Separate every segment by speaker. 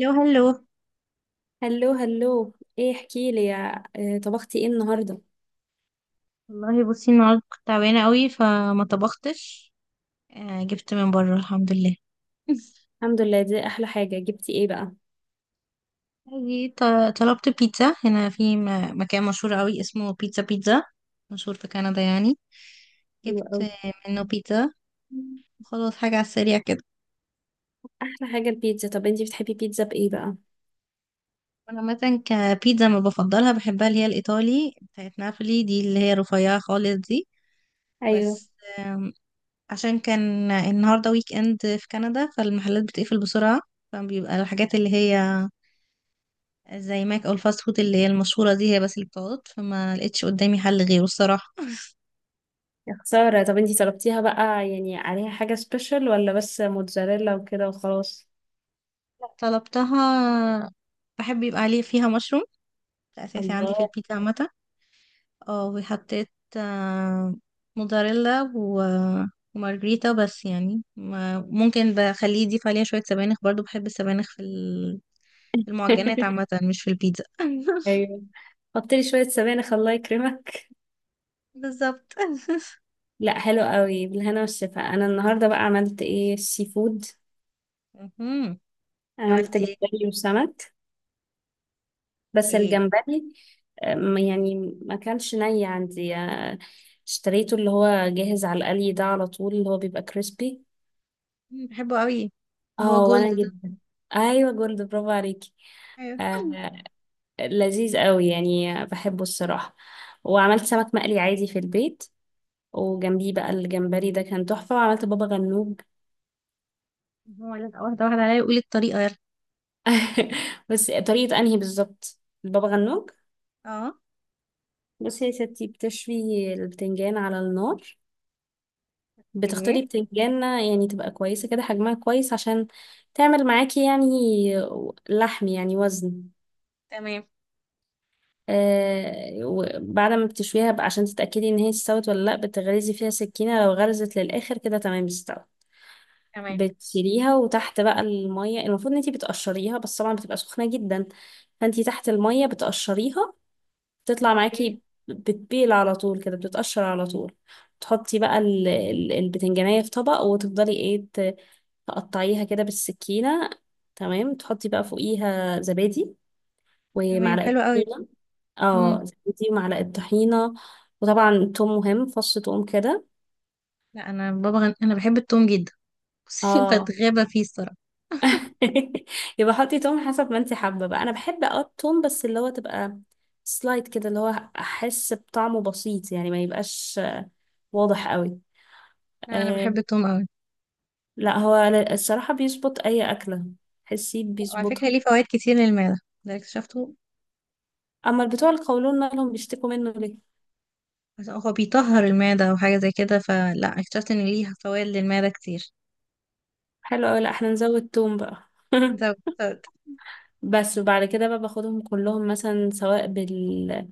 Speaker 1: لو هلو.
Speaker 2: هلو هلو، ايه احكي لي يا، طبختي ايه النهارده؟
Speaker 1: والله بصي، النهارده كنت تعبانه قوي فما طبختش. جبت من بره، الحمد لله.
Speaker 2: الحمد لله، دي احلى حاجه. جبتي ايه بقى؟
Speaker 1: اجي طلبت بيتزا هنا في مكان مشهور قوي اسمه بيتزا بيتزا، مشهور في كندا يعني.
Speaker 2: حلو
Speaker 1: جبت
Speaker 2: قوي.
Speaker 1: منه بيتزا. وخلاص حاجه على السريع كده.
Speaker 2: احلى حاجه البيتزا. طب انتي بتحبي بيتزا بايه بقى؟
Speaker 1: انا عامه كبيتزا ما بفضلها، بحبها اللي هي الايطالي بتاعت نابولي دي اللي هي رفيعه خالص دي.
Speaker 2: ايوه.
Speaker 1: بس عشان كان النهاردة ويك اند في كندا فالمحلات بتقفل بسرعة، فبيبقى الحاجات اللي هي زي ماك او الفاست فود اللي هي المشهورة دي هي بس اللي بتقعد، فما لقيتش قدامي حل غيره الصراحة.
Speaker 2: يا خساره. طب انتي طلبتيها بقى، يعني عليها حاجه سبيشال، ولا بس موتزاريلا وكده وخلاص؟
Speaker 1: طلبتها. بحب يبقى عليه فيها مشروم، ده اساسي عندي في
Speaker 2: الله.
Speaker 1: البيتزا عامة. اه وحطيت، آه، موزاريلا ومارجريتا. بس يعني ممكن بخليه يضيف عليها شوية سبانخ، برضو بحب السبانخ في المعجنات عامة، مش في البيتزا.
Speaker 2: ايوه، حطي لي شويه سبانخ، الله يكرمك.
Speaker 1: بالظبط.
Speaker 2: لا، حلو قوي، بالهنا والشفا. انا النهارده بقى عملت ايه؟ سي فود.
Speaker 1: مهم.
Speaker 2: عملت
Speaker 1: عملتي
Speaker 2: جمبري وسمك. بس
Speaker 1: ايه؟
Speaker 2: الجمبري، يعني ما كانش ني عندي، اشتريته اللي هو جاهز على القلي ده على طول، اللي هو بيبقى كريسبي.
Speaker 1: مم، بحبه قوي، اللي هو
Speaker 2: اه
Speaker 1: جولد
Speaker 2: وانا
Speaker 1: ده.
Speaker 2: جدا. ايوه جولد، برافو عليكي.
Speaker 1: ايوه.
Speaker 2: آه. لذيذ قوي يعني، بحبه الصراحة. وعملت سمك مقلي عادي في البيت. وجنبيه بقى الجمبري ده كان تحفة. وعملت بابا غنوج.
Speaker 1: هو لازقة واحدة واحدة عليا، وقولي الطريقة يلا.
Speaker 2: بس طريقة انهي بالظبط؟ البابا غنوج.
Speaker 1: اه.
Speaker 2: بصي يا ستي، بتشوي البتنجان على النار.
Speaker 1: اوكي.
Speaker 2: بتختاري بتنجانة يعني تبقى كويسة كده، حجمها كويس عشان تعمل معاكي يعني لحم، يعني وزن.
Speaker 1: تمام.
Speaker 2: وبعد ما بتشويها بقى، عشان تتأكدي ان هي استوت ولا لا، بتغرزي فيها سكينة. لو غرزت للآخر كده تمام، استوت.
Speaker 1: تمام.
Speaker 2: بتشيليها، وتحت بقى المية، المفروض ان انتي بتقشريها، بس طبعا بتبقى سخنة جدا. فانتي تحت المية بتقشريها، تطلع
Speaker 1: اوكي.
Speaker 2: معاكي. بتبيل على طول كده، بتتقشر على طول. تحطي بقى البتنجانية في طبق، وتفضلي ايه، تقطعيها كده بالسكينة. تمام. تحطي بقى فوقيها زبادي،
Speaker 1: تمام،
Speaker 2: ومعلقة
Speaker 1: حلو قوي.
Speaker 2: طحينة.
Speaker 1: مم.
Speaker 2: اه، زبادي ومعلقة طحينة. وطبعا توم مهم، فص توم كده.
Speaker 1: لا انا انا بحب التوم جدا. بصي،
Speaker 2: اه.
Speaker 1: بتغابى فيه الصراحة.
Speaker 2: يبقى حطي توم حسب ما انت حابة. بقى انا بحب التوم، بس اللي هو تبقى سلايد كده، اللي هو احس بطعمه بسيط، يعني ما يبقاش واضح قوي.
Speaker 1: لا انا بحب
Speaker 2: آه
Speaker 1: التوم قوي.
Speaker 2: لا، هو الصراحة بيظبط اي اكلة، حسيت
Speaker 1: لا، وعلى فكرة
Speaker 2: بيظبطها.
Speaker 1: ليه فوائد كتير للمعدة، ده اكتشفته.
Speaker 2: اما بتوع القولون مالهم بيشتكوا منه ليه؟
Speaker 1: عشان هو بيطهر المعدة او حاجة زي كده، فلا اكتشفت ان ليه فوائد للمعدة كتير.
Speaker 2: حلو أوي. لأ، احنا نزود توم بقى.
Speaker 1: انت بت-
Speaker 2: بس، وبعد كده بقى باخدهم كلهم مثلا، سواء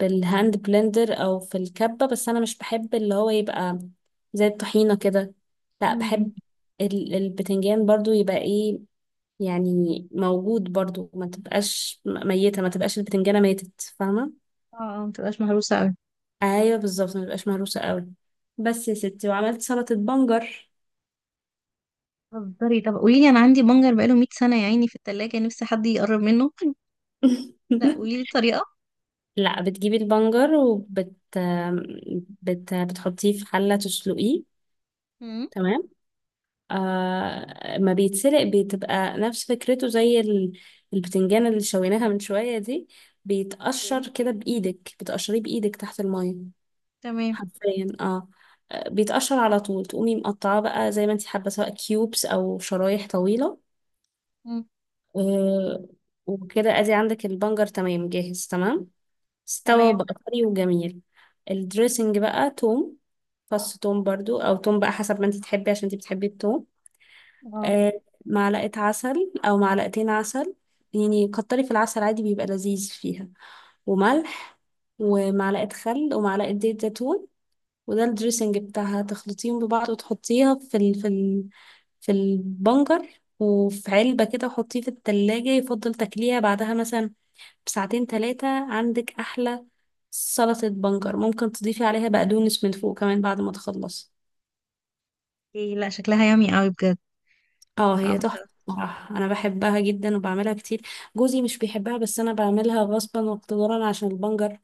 Speaker 2: بالهاند بلندر او في الكبة. بس انا مش بحب اللي هو يبقى زي الطحينة كده. لا،
Speaker 1: مم، مم.
Speaker 2: بحب البتنجان برضو يبقى ايه، يعني موجود برضو، ما تبقاش ميتة، ما تبقاش البتنجانة ماتت، فاهمة؟
Speaker 1: اه، ما تبقاش مهروسة قوي.
Speaker 2: ايوه، بالظبط، ما تبقاش مهروسة قوي. بس يا ستي. وعملت سلطة بنجر.
Speaker 1: بتهزري؟ طب قولي لي، انا عندي بنجر بقاله 100 سنه يا عيني في التلاجة، نفسي حد يقرب منه. لا قولي لي الطريقه.
Speaker 2: لا، بتجيبي البنجر، بتحطيه في حلة تسلقيه.
Speaker 1: امم.
Speaker 2: تمام. ما بيتسلق، بتبقى نفس فكرته زي البتنجان اللي شويناها من شوية دي.
Speaker 1: اوكي.
Speaker 2: بيتقشر كده بإيدك، بتقشريه بإيدك تحت المية.
Speaker 1: تمام.
Speaker 2: حرفيا اه. بيتقشر على طول. تقومي مقطعاه بقى زي ما انت حابة، سواء كيوبس أو شرايح طويلة.
Speaker 1: امم.
Speaker 2: آه وكده ادي عندك البنجر تمام، جاهز تمام، استوى
Speaker 1: تمام.
Speaker 2: بقى، طري وجميل. الدريسنج بقى توم، فص توم برضو او توم بقى حسب ما انت تحبي، عشان انت بتحبي التوم.
Speaker 1: اه.
Speaker 2: آه معلقة عسل او معلقتين عسل، يعني كتري في العسل عادي، بيبقى لذيذ فيها. وملح، ومعلقة خل، ومعلقة زيت زيتون. وده الدريسنج بتاعها. تخلطيهم ببعض، وتحطيها في البنجر. وفي علبة كده، وحطيه في التلاجة. يفضل تاكليها بعدها مثلا بساعتين تلاتة، عندك أحلى سلطة بنجر. ممكن تضيفي عليها بقدونس من فوق كمان بعد ما تخلصي.
Speaker 1: اوكي. لا شكلها يامي قوي بجد.
Speaker 2: اه، هي تحفة
Speaker 1: هعمل.
Speaker 2: بصراحة، أنا بحبها جدا وبعملها كتير. جوزي مش بيحبها، بس أنا بعملها غصبا واقتدارا، عشان البنجر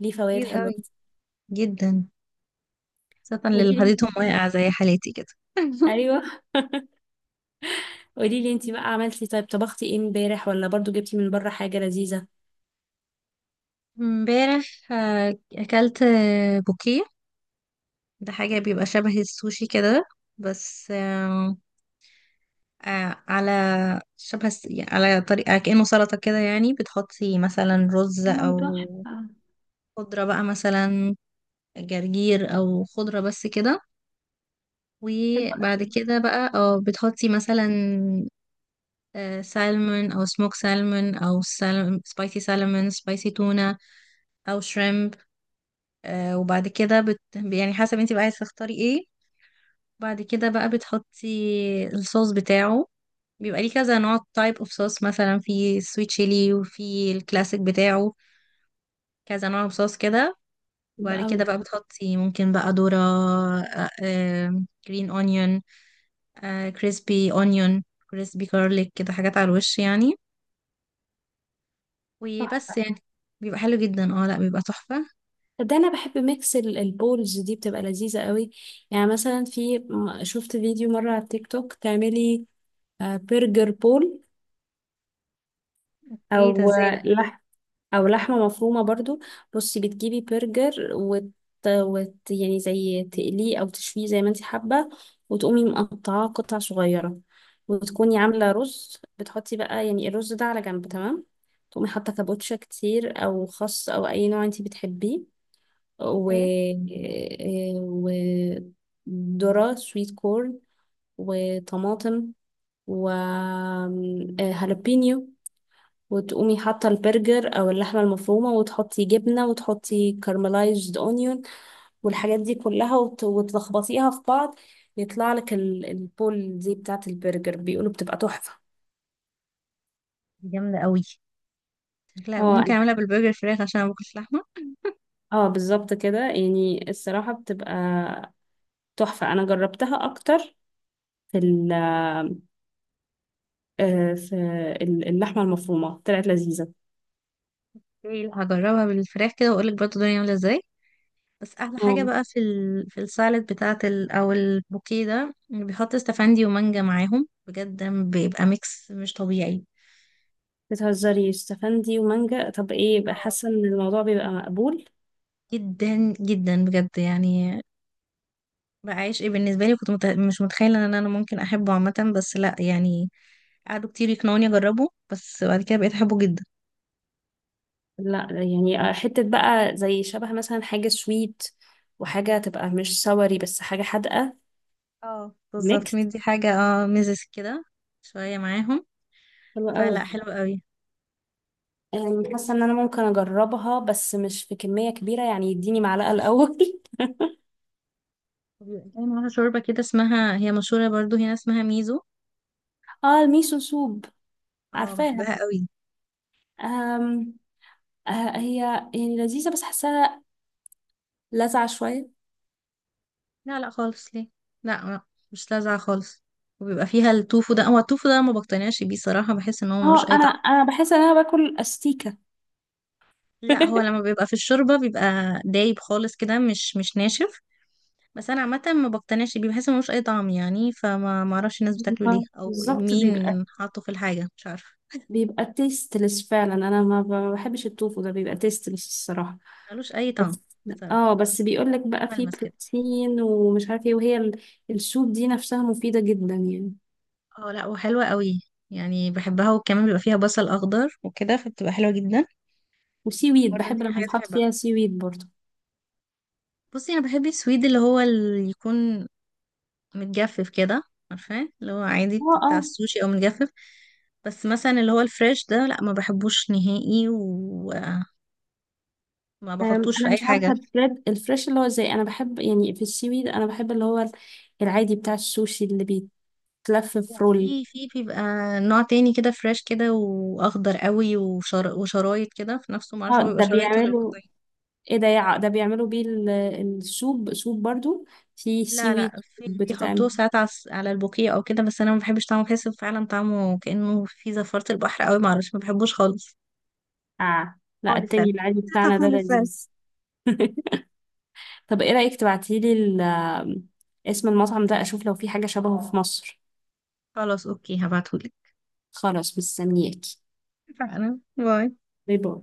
Speaker 2: ليه فوائد
Speaker 1: كتير
Speaker 2: حلوة
Speaker 1: قوي،
Speaker 2: كتير.
Speaker 1: جدا، خاصه
Speaker 2: قولي
Speaker 1: للي
Speaker 2: لي.
Speaker 1: حديثهم واقع زي حالتي كده.
Speaker 2: أيوه. قولي لي أنتي بقى عملتي، طيب طبختي إيه امبارح، ولا برضو جبتي من بره حاجة لذيذة؟
Speaker 1: امبارح، اكلت بوكيه. ده حاجه بيبقى شبه السوشي كده. بس على يعني على طريقة كأنه سلطة كده، يعني بتحطي مثلا رز
Speaker 2: اه،
Speaker 1: أو
Speaker 2: تحفة.
Speaker 1: خضرة بقى، مثلا جرجير أو خضرة بس كده.
Speaker 2: حلوة
Speaker 1: وبعد
Speaker 2: أوي.
Speaker 1: كده بقى اه بتحطي مثلا سالمون أو سموك سالمون أو سبايسي سالمون، سبايسي تونة، أو شريمب. وبعد كده بت يعني حسب انتي بقى عايزة تختاري ايه. بعد كده بقى بتحطي الصوص بتاعه، بيبقى ليه كذا نوع، تايب اوف صوص، مثلا في سويت شيلي وفي الكلاسيك بتاعه، كذا نوع صوص كده.
Speaker 2: حلوة
Speaker 1: وبعد كده
Speaker 2: أوي.
Speaker 1: بقى بتحطي ممكن بقى ذرة، جرين اونيون، كريسبي اونيون، كريسبي كارليك، كده حاجات على الوش يعني. وبس
Speaker 2: تحفة.
Speaker 1: يعني بيبقى حلو جدا، اه لا بيبقى تحفة.
Speaker 2: ده انا بحب ميكس البولز دي، بتبقى لذيذة قوي. يعني مثلا شفت فيديو مرة على التيك توك، تعملي برجر بول،
Speaker 1: ايه ده؟
Speaker 2: او
Speaker 1: ازاي
Speaker 2: آه،
Speaker 1: ده؟
Speaker 2: لح او لحمة مفرومة برضو. بصي، بتجيبي برجر، يعني زي تقليه او تشويه زي ما انت حابة، وتقومي مقطعاه قطع صغيرة. وتكوني عاملة رز، بتحطي بقى يعني الرز ده على جنب، تمام. تقومي حاطة كابوتشا كتير او خس او اي نوع انت بتحبيه، و
Speaker 1: ايه،
Speaker 2: وذرة سويت كورن، وطماطم، وهالبينيو. وتقومي حاطة البرجر أو اللحمة المفرومة، وتحطي جبنة، وتحطي كارملايزد أونيون، والحاجات دي كلها، وتلخبطيها في بعض. يطلع لك البول دي بتاعة البرجر، بيقولوا بتبقى تحفة.
Speaker 1: دي جامدة قوي، شكلها
Speaker 2: اه
Speaker 1: ممكن
Speaker 2: أنا-
Speaker 1: اعملها بالبرجر فراخ عشان انا باكلش لحمة.
Speaker 2: اه بالظبط كده يعني، الصراحة بتبقى تحفة، أنا جربتها أكتر في ال آه، في ال- اللحمة المفرومة، طلعت لذيذة.
Speaker 1: ايه لا، هجربها بالفراخ كده واقول لك برضه الدنيا عاملة ازاي. بس احلى
Speaker 2: اه،
Speaker 1: حاجة بقى في في السالاد بتاعت او البوكيه ده، بيحط استفندي ومانجا معاهم بجد، بيبقى ميكس مش طبيعي.
Speaker 2: بتهزري؟ استفندي ومانجا؟ طب ايه بقى، حاسة ان الموضوع بيبقى مقبول؟
Speaker 1: جدا جدا بجد يعني. بعيش ايه، بالنسبه لي كنت مش متخيله ان انا ممكن احبه عامه، بس لا يعني قعدوا كتير يقنعوني اجربه، بس بعد كده بقيت احبه جدا.
Speaker 2: لا يعني، حتة بقى زي شبه مثلا حاجة سويت، وحاجة تبقى مش سوري، بس حاجة حادقة.
Speaker 1: اه بالظبط،
Speaker 2: ميكس.
Speaker 1: مدي حاجه اه ميزز كده، شويه معاهم.
Speaker 2: حلو قوي.
Speaker 1: فلا حلو قوي.
Speaker 2: يعني حاسة ان انا ممكن اجربها، بس مش في كمية كبيرة، يعني يديني معلقة الاول.
Speaker 1: وبيبقى كمان معاها شوربه كده اسمها، هي مشهوره برضو هنا، اسمها ميزو.
Speaker 2: اه، الميسو سوب.
Speaker 1: اه
Speaker 2: عارفاها.
Speaker 1: بحبها قوي.
Speaker 2: أم... آه، هي يعني لذيذة، بس حاساها لاذعة شوية.
Speaker 1: لا لا خالص، ليه؟ لا لا، مش لاذعه خالص. وبيبقى فيها التوفو ده، هو التوفو ده ما بقتنعش بيه صراحه، بحس ان هو ملوش
Speaker 2: اه،
Speaker 1: اي
Speaker 2: انا
Speaker 1: طعم.
Speaker 2: انا بحس ان انا باكل استيكه.
Speaker 1: لا هو لما بيبقى في الشوربة بيبقى دايب خالص كده، مش ناشف. بس انا عامة ما بقتنعش بيه، بحس إن ملوش اي طعم يعني، فما ما اعرفش الناس بتاكله ليه او
Speaker 2: بالظبط، بيبقى
Speaker 1: مين حاطه في الحاجة، مش عارفة.
Speaker 2: بيبقى تيستلس فعلا. انا ما بحبش التوفو ده، بيبقى تيستلس الصراحه.
Speaker 1: ملوش اي طعم
Speaker 2: بس.
Speaker 1: بصراحة.
Speaker 2: اه بس بيقول لك بقى فيه
Speaker 1: ملمس كده.
Speaker 2: بروتين ومش عارف ايه، وهي السوب دي نفسها مفيده جدا يعني.
Speaker 1: اه لا وحلوة قوي يعني، بحبها. وكمان بيبقى فيها بصل اخضر وكده فبتبقى حلوة جدا.
Speaker 2: وسي ويد،
Speaker 1: برضه دي
Speaker 2: بحب
Speaker 1: من
Speaker 2: لما
Speaker 1: الحاجات اللي
Speaker 2: يتحط
Speaker 1: بحبها.
Speaker 2: فيها سي ويد برضه.
Speaker 1: بصي انا بحب السويد اللي هو اللي يكون متجفف كده، عارفاه اللي هو عادي
Speaker 2: اه،
Speaker 1: بتاع
Speaker 2: اه.
Speaker 1: السوشي او متجفف. بس مثلا اللي هو الفريش ده لا ما بحبوش نهائي، وما
Speaker 2: أم،
Speaker 1: بحطوش في
Speaker 2: انا
Speaker 1: اي
Speaker 2: مش عارفه
Speaker 1: حاجه.
Speaker 2: البريد الفريش، اللي هو زي، انا بحب يعني في السي ويد انا بحب اللي هو العادي بتاع السوشي اللي بيتلف في رول.
Speaker 1: في بيبقى نوع تاني كده، فريش كده واخضر قوي وشرايط كده في نفسه، معرفش
Speaker 2: اه
Speaker 1: هو بيبقى
Speaker 2: ده
Speaker 1: شرايط ولا بيبقى
Speaker 2: بيعملوا
Speaker 1: قطعين.
Speaker 2: ايه، ده بيعملوا بيه السوب سوب برضو في
Speaker 1: لا
Speaker 2: سيوي.
Speaker 1: لا، في بيحطوه
Speaker 2: بتتعمل.
Speaker 1: ساعات على على البوكيه او كده. بس انا ما بحبش طعمه، بحس فعلا طعمه كانه في زفاره البحر قوي، معرفش ما بحبوش خالص.
Speaker 2: اه، لا،
Speaker 1: خالص
Speaker 2: التاني
Speaker 1: فعلا.
Speaker 2: العادي بتاعنا ده
Speaker 1: خالص فعلا.
Speaker 2: لذيذ. طب ايه رأيك تبعتيلي اسم المطعم ده، اشوف لو في حاجة شبهه في مصر.
Speaker 1: خلاص اوكي، هبعتهولك.
Speaker 2: خلاص، مستنياكي.
Speaker 1: فعلا، باي.
Speaker 2: باي باي.